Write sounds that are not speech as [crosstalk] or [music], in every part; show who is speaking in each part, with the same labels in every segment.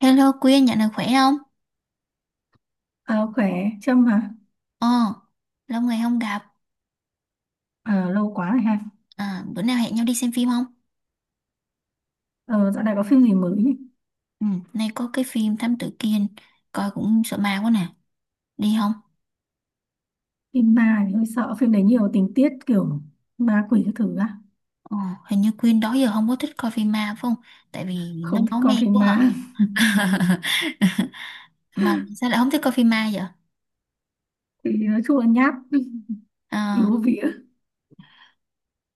Speaker 1: Hello Quyên, nhận được khỏe không?
Speaker 2: Ờ, Khỏe. Trâm hả?
Speaker 1: Ờ, lâu ngày không gặp.
Speaker 2: Ờ, Lâu quá rồi ha.
Speaker 1: À, bữa nào hẹn nhau đi xem phim không?
Speaker 2: Ờ, Dạo này có phim gì mới nhỉ?
Speaker 1: Ừ, nay có cái phim Thám Tử Kiên, coi cũng sợ ma quá nè. Đi không?
Speaker 2: Phim ma thì hơi sợ, phim đấy nhiều tình tiết kiểu ma quỷ các thứ á.
Speaker 1: Ờ, hình như Quyên đó giờ không có thích coi phim ma phải không? Tại vì nó
Speaker 2: Không thích
Speaker 1: máu me
Speaker 2: coi phim
Speaker 1: quá hả?
Speaker 2: ma. [laughs]
Speaker 1: [laughs] Mà sao lại không thích coi phim ma vậy?
Speaker 2: Thì nói chung là nhát,
Speaker 1: Ờ,
Speaker 2: yếu vía.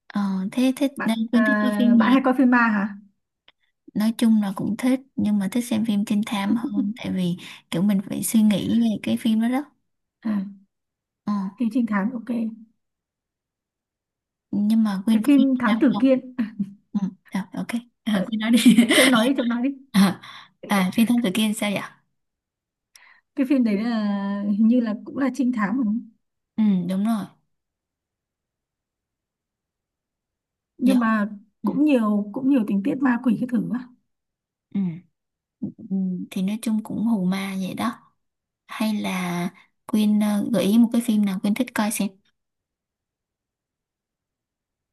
Speaker 1: ờ, thế thích
Speaker 2: Bạn
Speaker 1: nên
Speaker 2: à,
Speaker 1: Quyên thích coi phim
Speaker 2: bạn
Speaker 1: gì?
Speaker 2: hay coi phim ma hả?
Speaker 1: Nói chung là cũng thích, nhưng mà thích xem phim trinh thám hơn. Tại vì kiểu mình phải suy nghĩ về cái phim đó đó.
Speaker 2: À,
Speaker 1: Ờ,
Speaker 2: phim trinh thám ok.
Speaker 1: nhưng mà
Speaker 2: Cái
Speaker 1: Quyên có phim
Speaker 2: phim
Speaker 1: trinh
Speaker 2: thám
Speaker 1: thám
Speaker 2: tử
Speaker 1: không?
Speaker 2: kiên.
Speaker 1: Ừ, à, ok. À,
Speaker 2: ờ,
Speaker 1: cứ nói đi.
Speaker 2: Trâm nói đi, Trâm nói đi.
Speaker 1: [laughs] À, à, phi thân tự kiên sao vậy?
Speaker 2: Cái phim đấy là hình như là cũng là trinh thám đúng không?
Speaker 1: Ừ, đúng rồi. Dạ.
Speaker 2: Nhưng mà
Speaker 1: Ừ,
Speaker 2: cũng nhiều tình tiết ma quỷ các thứ á.
Speaker 1: ừ, ừ. Thì nói chung cũng hù ma vậy đó. Hay là Quyên gợi ý một cái phim nào Quyên thích coi xem.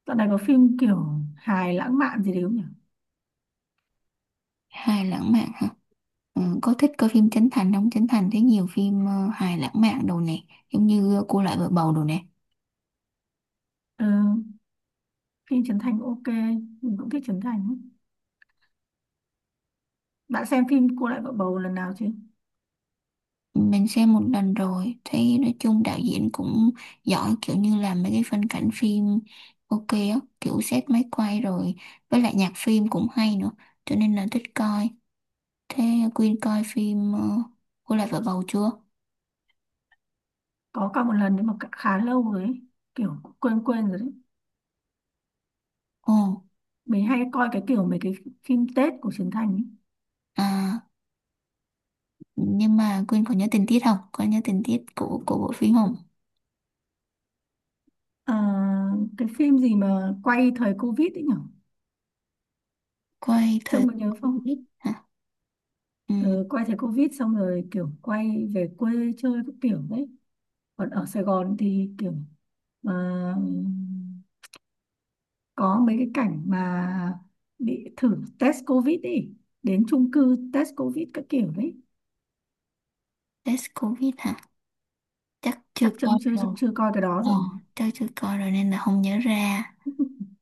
Speaker 2: Dạo này có phim kiểu hài lãng mạn gì đấy không nhỉ?
Speaker 1: Hài lãng mạn hả? Ừ, có thích coi phim Trấn Thành không? Trấn Thành thấy nhiều phim hài lãng mạn đồ nè. Giống như Cô Lại Vợ Bầu đồ nè.
Speaker 2: Ờ, phim Trấn Thành ok, mình cũng thích Trấn Thành ấy. Bạn xem phim Cô Lại Vợ Bầu lần nào chưa?
Speaker 1: Mình xem một lần rồi, thấy nói chung đạo diễn cũng giỏi kiểu như là mấy cái phân cảnh phim ok á, kiểu xét máy quay rồi, với lại nhạc phim cũng hay nữa, cho nên là thích coi. Thế Quyên coi phim Cô lại vợ bầu chưa?
Speaker 2: Có cả một lần nhưng mà khá lâu rồi ấy. Kiểu quên quên rồi đấy.
Speaker 1: Ồ,
Speaker 2: Mình hay coi cái kiểu mấy cái phim Tết của Trấn Thành ấy.
Speaker 1: à, nhưng mà Quyên có nhớ tình tiết không? Có nhớ tình tiết của bộ phim không?
Speaker 2: À, cái phim gì mà quay thời Covid ấy nhở?
Speaker 1: Quay thời
Speaker 2: Trông có nhớ không?
Speaker 1: Covid hả? Ừ,
Speaker 2: Ừ, quay thời Covid xong rồi kiểu quay về quê chơi các kiểu đấy. Còn ở Sài Gòn thì kiểu à, có mấy cái cảnh mà bị thử test covid, đi đến chung cư test covid các kiểu đấy.
Speaker 1: test Covid hả? Chắc chưa
Speaker 2: chắc chấm
Speaker 1: coi
Speaker 2: chưa chắc
Speaker 1: rồi.
Speaker 2: chưa coi cái đó
Speaker 1: Ờ,
Speaker 2: rồi.
Speaker 1: chắc chưa coi rồi nên là không nhớ ra.
Speaker 2: [laughs]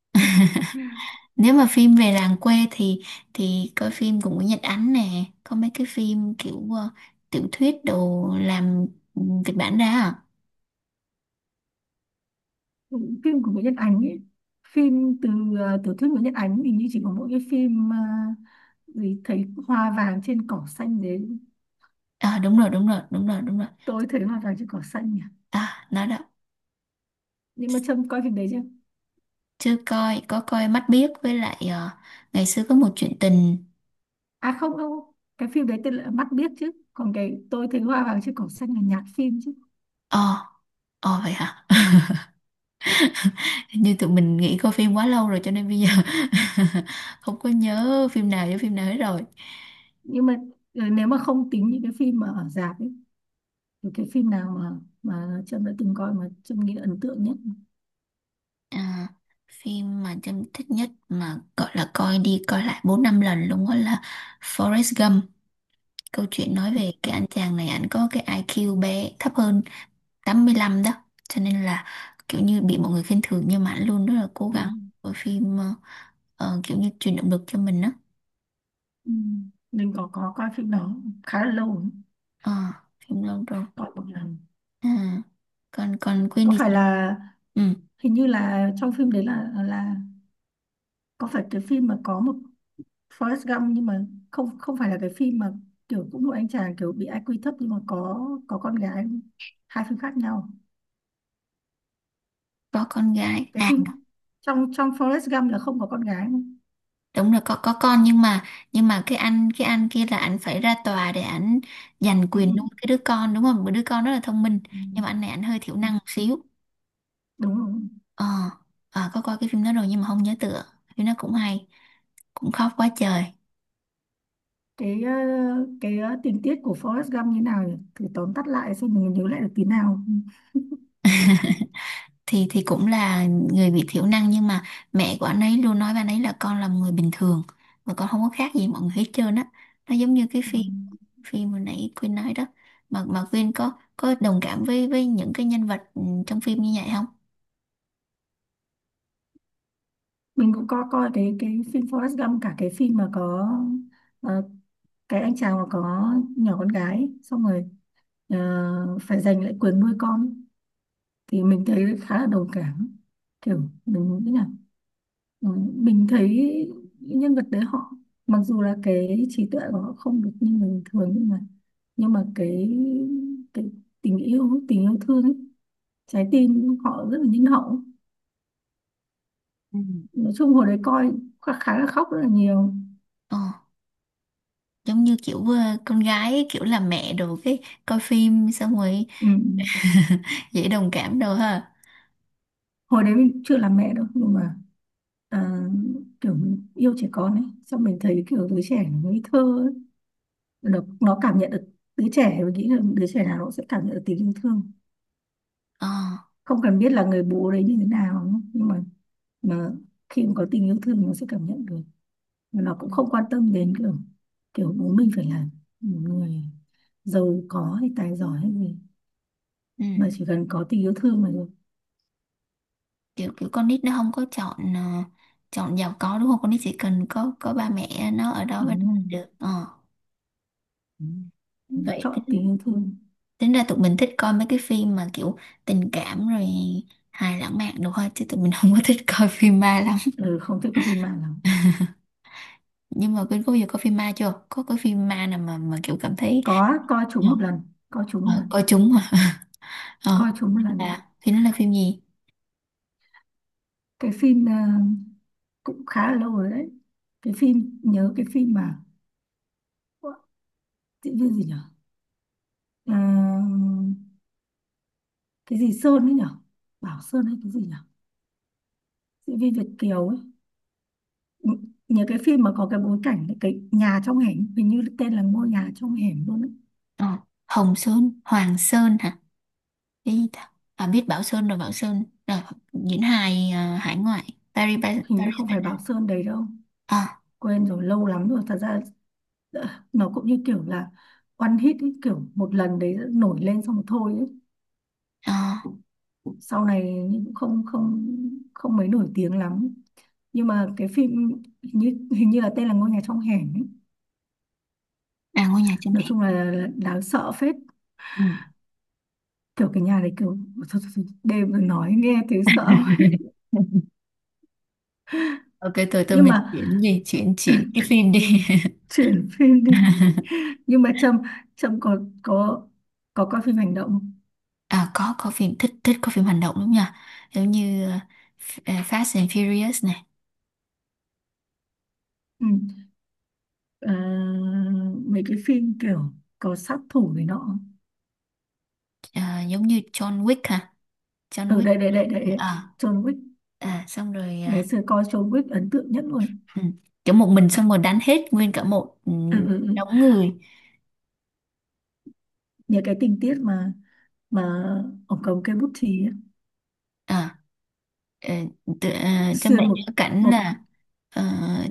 Speaker 1: Nếu mà phim về làng quê thì coi phim cũng của Nguyễn Nhật Ánh nè, có mấy cái phim kiểu tiểu thuyết đồ làm kịch bản ra à.
Speaker 2: Phim của Nguyễn Nhật Ánh ấy, phim từ tiểu thuyết Nguyễn Nhật Ánh thì như chỉ có mỗi cái phim gì, thấy hoa vàng trên cỏ xanh đấy.
Speaker 1: Ờ, đúng rồi, đúng rồi, đúng rồi, đúng rồi.
Speaker 2: Tôi thấy hoa vàng trên cỏ xanh nhỉ.
Speaker 1: À nó đó.
Speaker 2: Nhưng mà Trâm coi phim đấy chưa?
Speaker 1: Chưa coi, có coi Mắt Biếc với lại ngày xưa có một chuyện tình.
Speaker 2: À, không không, cái phim đấy tên là mắt biết chứ, còn cái tôi thấy hoa vàng trên cỏ xanh là nhạc phim chứ.
Speaker 1: ờ ờ vậy hả? [laughs] Như tụi mình nghỉ coi phim quá lâu rồi cho nên bây giờ [laughs] không có nhớ phim nào với phim nào hết rồi.
Speaker 2: Nhưng mà nếu mà không tính những cái phim mà ở rạp ấy, thì cái phim nào mà Trâm đã từng coi mà Trâm nghĩ ấn tượng nhất?
Speaker 1: À, phim mà Trâm thích nhất mà gọi là coi đi coi lại 4 5 lần luôn đó là Forrest Gump. Câu chuyện nói về cái anh chàng này, anh có cái IQ bé thấp hơn 85 đó. Cho nên là kiểu như bị mọi người khinh thường, nhưng mà anh luôn rất là cố
Speaker 2: Ừ.
Speaker 1: gắng. Bộ phim kiểu như truyền động lực cho mình đó.
Speaker 2: Ừ. Mình có coi phim đó khá là lâu rồi.
Speaker 1: Ờ, phim lâu rồi.
Speaker 2: Coi một lần.
Speaker 1: À, còn còn quên
Speaker 2: Có
Speaker 1: đi.
Speaker 2: phải là,
Speaker 1: Ừ,
Speaker 2: hình như là trong phim đấy là có phải cái phim mà có một Forrest Gump, nhưng mà không không phải là cái phim mà kiểu cũng một anh chàng kiểu bị IQ thấp nhưng mà có con gái không? Hai phim khác nhau.
Speaker 1: có con gái.
Speaker 2: Cái
Speaker 1: À,
Speaker 2: phim, trong trong Forrest Gump là không có con gái không?
Speaker 1: đúng là có con, nhưng mà cái anh kia là anh phải ra tòa để anh giành
Speaker 2: Ừ.
Speaker 1: quyền nuôi cái đứa con đúng không? Một đứa con rất là thông minh,
Speaker 2: Ừ,
Speaker 1: nhưng mà anh này anh hơi thiểu
Speaker 2: ừ.
Speaker 1: năng một xíu.
Speaker 2: Đúng rồi.
Speaker 1: Ờ, à, có coi cái phim đó rồi nhưng mà không nhớ tựa. Phim nó cũng hay, cũng khóc quá trời.
Speaker 2: Cái cái tình tiết của Forrest Gump như nào nhỉ? Thử tóm tắt lại xem mình nhớ lại được tí nào.
Speaker 1: Thì cũng là người bị thiểu năng, nhưng mà mẹ của anh ấy luôn nói với anh ấy là con là một người bình thường, mà con không có khác gì mọi người hết trơn á. Nó giống như cái
Speaker 2: Ừ.
Speaker 1: phim phim hồi nãy Quyên nói đó. Mà Quyên có đồng cảm với những cái nhân vật trong phim như vậy không?
Speaker 2: Mình cũng có coi cái phim Forrest Gump, cả cái phim mà có ờ, cái anh chàng mà có nhỏ con gái ấy, xong rồi phải giành lại quyền nuôi con, thì mình thấy khá là đồng cảm. Kiểu mình nghĩ là, ừ, mình thấy những nhân vật đấy họ, mặc dù là cái trí tuệ của họ không được như người bình thường nhưng mà, nhưng mà cái tình yêu, tình yêu thương ấy, trái tim họ rất là nhân hậu.
Speaker 1: Ừ.
Speaker 2: Nói chung hồi đấy coi khá, là khóc rất là nhiều.
Speaker 1: Ờ, giống như kiểu con gái ấy, kiểu là mẹ đồ, cái coi phim xong rồi
Speaker 2: Ừ.
Speaker 1: [laughs] dễ đồng cảm đồ ha.
Speaker 2: Hồi đấy mình chưa làm mẹ đâu nhưng mà à, kiểu mình yêu trẻ con ấy, xong mình thấy kiểu đứa trẻ nó ngây thơ ấy. Nó cảm nhận được, đứa trẻ mình nghĩ là đứa trẻ nào nó sẽ cảm nhận được tình yêu thương.
Speaker 1: Ờ.
Speaker 2: Không cần biết là người bố đấy như thế nào nhưng mà khi mà có tình yêu thương nó sẽ cảm nhận được. Và nó
Speaker 1: Ừ.
Speaker 2: cũng không quan tâm đến kiểu, kiểu bố mình phải là một người giàu có hay tài giỏi hay gì,
Speaker 1: Ừ.
Speaker 2: mà chỉ cần có tình yêu thương là được.
Speaker 1: kiểu kiểu con nít nó không có chọn chọn giàu có đúng không? Con nít chỉ cần có ba mẹ nó ở đó với
Speaker 2: Đúng
Speaker 1: nó là
Speaker 2: không?
Speaker 1: được. Ờ
Speaker 2: Đúng.
Speaker 1: Vậy
Speaker 2: Chọn tình
Speaker 1: tính,
Speaker 2: yêu thương.
Speaker 1: tính ra tụi mình thích coi mấy cái phim mà kiểu tình cảm rồi hài lãng mạn đồ ha, chứ tụi mình [laughs] không có thích coi phim ma lắm.
Speaker 2: Ừ, không thích coi phim ma lắm.
Speaker 1: Nhưng mà Quyên có bao giờ coi phim ma chưa? Có cái phim ma nào mà kiểu cảm thấy?
Speaker 2: Có coi chúng một lần. Coi chúng một
Speaker 1: Ờ,
Speaker 2: lần.
Speaker 1: coi chúng mà. Ờ,
Speaker 2: Coi chúng một lần.
Speaker 1: là thì nó là phim gì?
Speaker 2: Cái phim cũng khá là lâu rồi đấy. Cái phim, nhớ cái phim mà, ủa, diễn viên gì nhở? À, cái gì Sơn ấy nhở, Bảo Sơn hay cái gì nhở, diễn viên Việt kiều ấy. Nhớ cái phim mà có cái bối cảnh cái nhà trong hẻm, hình như tên là ngôi nhà trong hẻm luôn ấy.
Speaker 1: Ờ, Hồng Sơn, Hoàng Sơn hả? Cái gì ta? À, biết Bảo Sơn rồi, Bảo Sơn rồi, diễn hài à, hải ngoại, Paris, Paris,
Speaker 2: Hình như
Speaker 1: Paris.
Speaker 2: không phải Bảo Sơn đấy đâu.
Speaker 1: ờ,
Speaker 2: Quên rồi, lâu lắm rồi thật ra. Dạ, nó cũng như kiểu là one hit ấy, kiểu một lần đấy nổi lên xong thôi ấy.
Speaker 1: à,
Speaker 2: Sau này cũng không không không mấy nổi tiếng lắm. Nhưng mà cái phim hình như là tên là ngôi nhà trong hẻm ấy.
Speaker 1: À, ngôi nhà trên
Speaker 2: Nói
Speaker 1: hè.
Speaker 2: chung là, đáng sợ phết.
Speaker 1: Ừ.
Speaker 2: Kiểu cái nhà đấy kiểu thôi, thôi, thôi, đêm rồi nói nghe thấy sợ.
Speaker 1: [laughs] Ok, tôi
Speaker 2: [laughs]
Speaker 1: tôi
Speaker 2: Nhưng
Speaker 1: mình
Speaker 2: mà
Speaker 1: chuyển gì, chuyển chuyển cái phim đi.
Speaker 2: chuyển phim đi.
Speaker 1: [laughs]
Speaker 2: [laughs] Nhưng mà Trâm, Trâm có coi phim hành động không?
Speaker 1: À, có phim thích, có phim hành động đúng nhỉ? Giống như Fast and Furious này.
Speaker 2: Ừ. À, mấy cái phim kiểu có sát thủ này nọ.
Speaker 1: Ờ, giống như John Wick hả? John
Speaker 2: Ừ,
Speaker 1: Wick.
Speaker 2: đây đây đây đây đây.
Speaker 1: À,
Speaker 2: John Wick.
Speaker 1: à, xong rồi
Speaker 2: Ngày
Speaker 1: à.
Speaker 2: xưa coi John Wick ấn tượng nhất luôn.
Speaker 1: Ừ. Kiểu một mình xong rồi đánh hết nguyên cả một
Speaker 2: Ừ.
Speaker 1: đống người.
Speaker 2: Nhớ cái tình tiết mà ông cầm cây bút chì ấy,
Speaker 1: à ờ, tự- ờ, cho
Speaker 2: xuyên
Speaker 1: mẹ
Speaker 2: một,
Speaker 1: nhớ cảnh
Speaker 2: một,
Speaker 1: là ờ,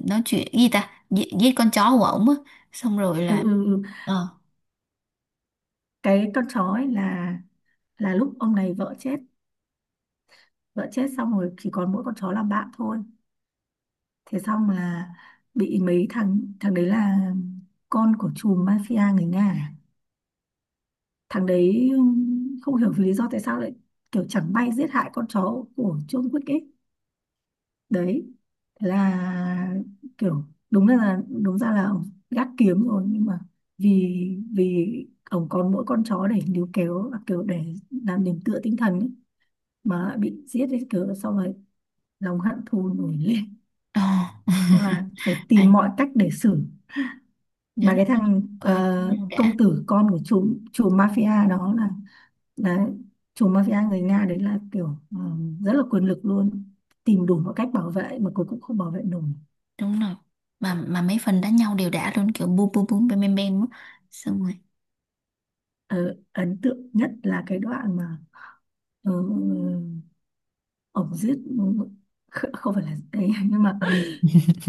Speaker 1: nói chuyện gì ta, giết con chó của ổng á, xong rồi
Speaker 2: ừ,
Speaker 1: là
Speaker 2: ừ, ừ.
Speaker 1: ờ
Speaker 2: Cái con chó ấy là lúc ông này vợ chết, vợ chết xong rồi chỉ còn mỗi con chó làm bạn thôi. Thế xong là bị mấy thằng, thằng đấy là con của chùm mafia người Nga à? Thằng đấy không hiểu vì lý do tại sao lại kiểu chẳng may giết hại con chó của John Wick ấy. Đấy, thế là kiểu, đúng là đúng ra là ông gác kiếm rồi nhưng mà vì vì ông còn mỗi con chó để níu kéo, à, kiểu để làm điểm tựa tinh thần ấy, mà bị giết ấy, kiểu xong rồi lòng hận thù nổi lên,
Speaker 1: ờ,
Speaker 2: xong
Speaker 1: [laughs]
Speaker 2: là phải
Speaker 1: à,
Speaker 2: tìm mọi cách để xử.
Speaker 1: nhớ
Speaker 2: Mà
Speaker 1: rồi.
Speaker 2: cái thằng
Speaker 1: Coi đánh nhau đã.
Speaker 2: công tử con của chủ chủ mafia đó là chủ mafia người Nga đấy là kiểu ờ, rất là quyền lực luôn, tìm đủ mọi cách bảo vệ mà cuối cùng không bảo vệ nổi.
Speaker 1: Đúng rồi, mà mấy phần đánh nhau đều đã luôn, kiểu bum bum bum bem bem bem á. Xong rồi
Speaker 2: Ờ, ấn tượng nhất là cái đoạn mà ờ, ổng giết, không phải là đấy [laughs] nhưng mà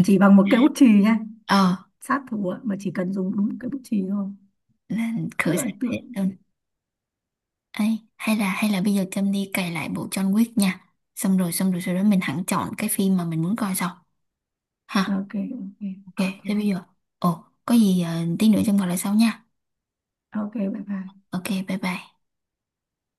Speaker 2: chỉ bằng một cây bút chì nha.
Speaker 1: ờ
Speaker 2: Sát thủ ạ, mà chỉ cần dùng đúng một cây bút chì thôi.
Speaker 1: là
Speaker 2: Rất
Speaker 1: khử
Speaker 2: là
Speaker 1: sạch
Speaker 2: ấn
Speaker 1: hết.
Speaker 2: tượng.
Speaker 1: Ấy, hay là bây giờ Trâm đi cày lại bộ John Wick nha. Xong rồi, xong rồi sau đó mình hẳn chọn cái phim mà mình muốn coi sau. Ha,
Speaker 2: Ok. Ok.
Speaker 1: ok,
Speaker 2: Ok.
Speaker 1: thế bây giờ. Ồ, có gì tí nữa Trâm gọi lại sau nha.
Speaker 2: Ok, bye bye.
Speaker 1: Ok, bye bye.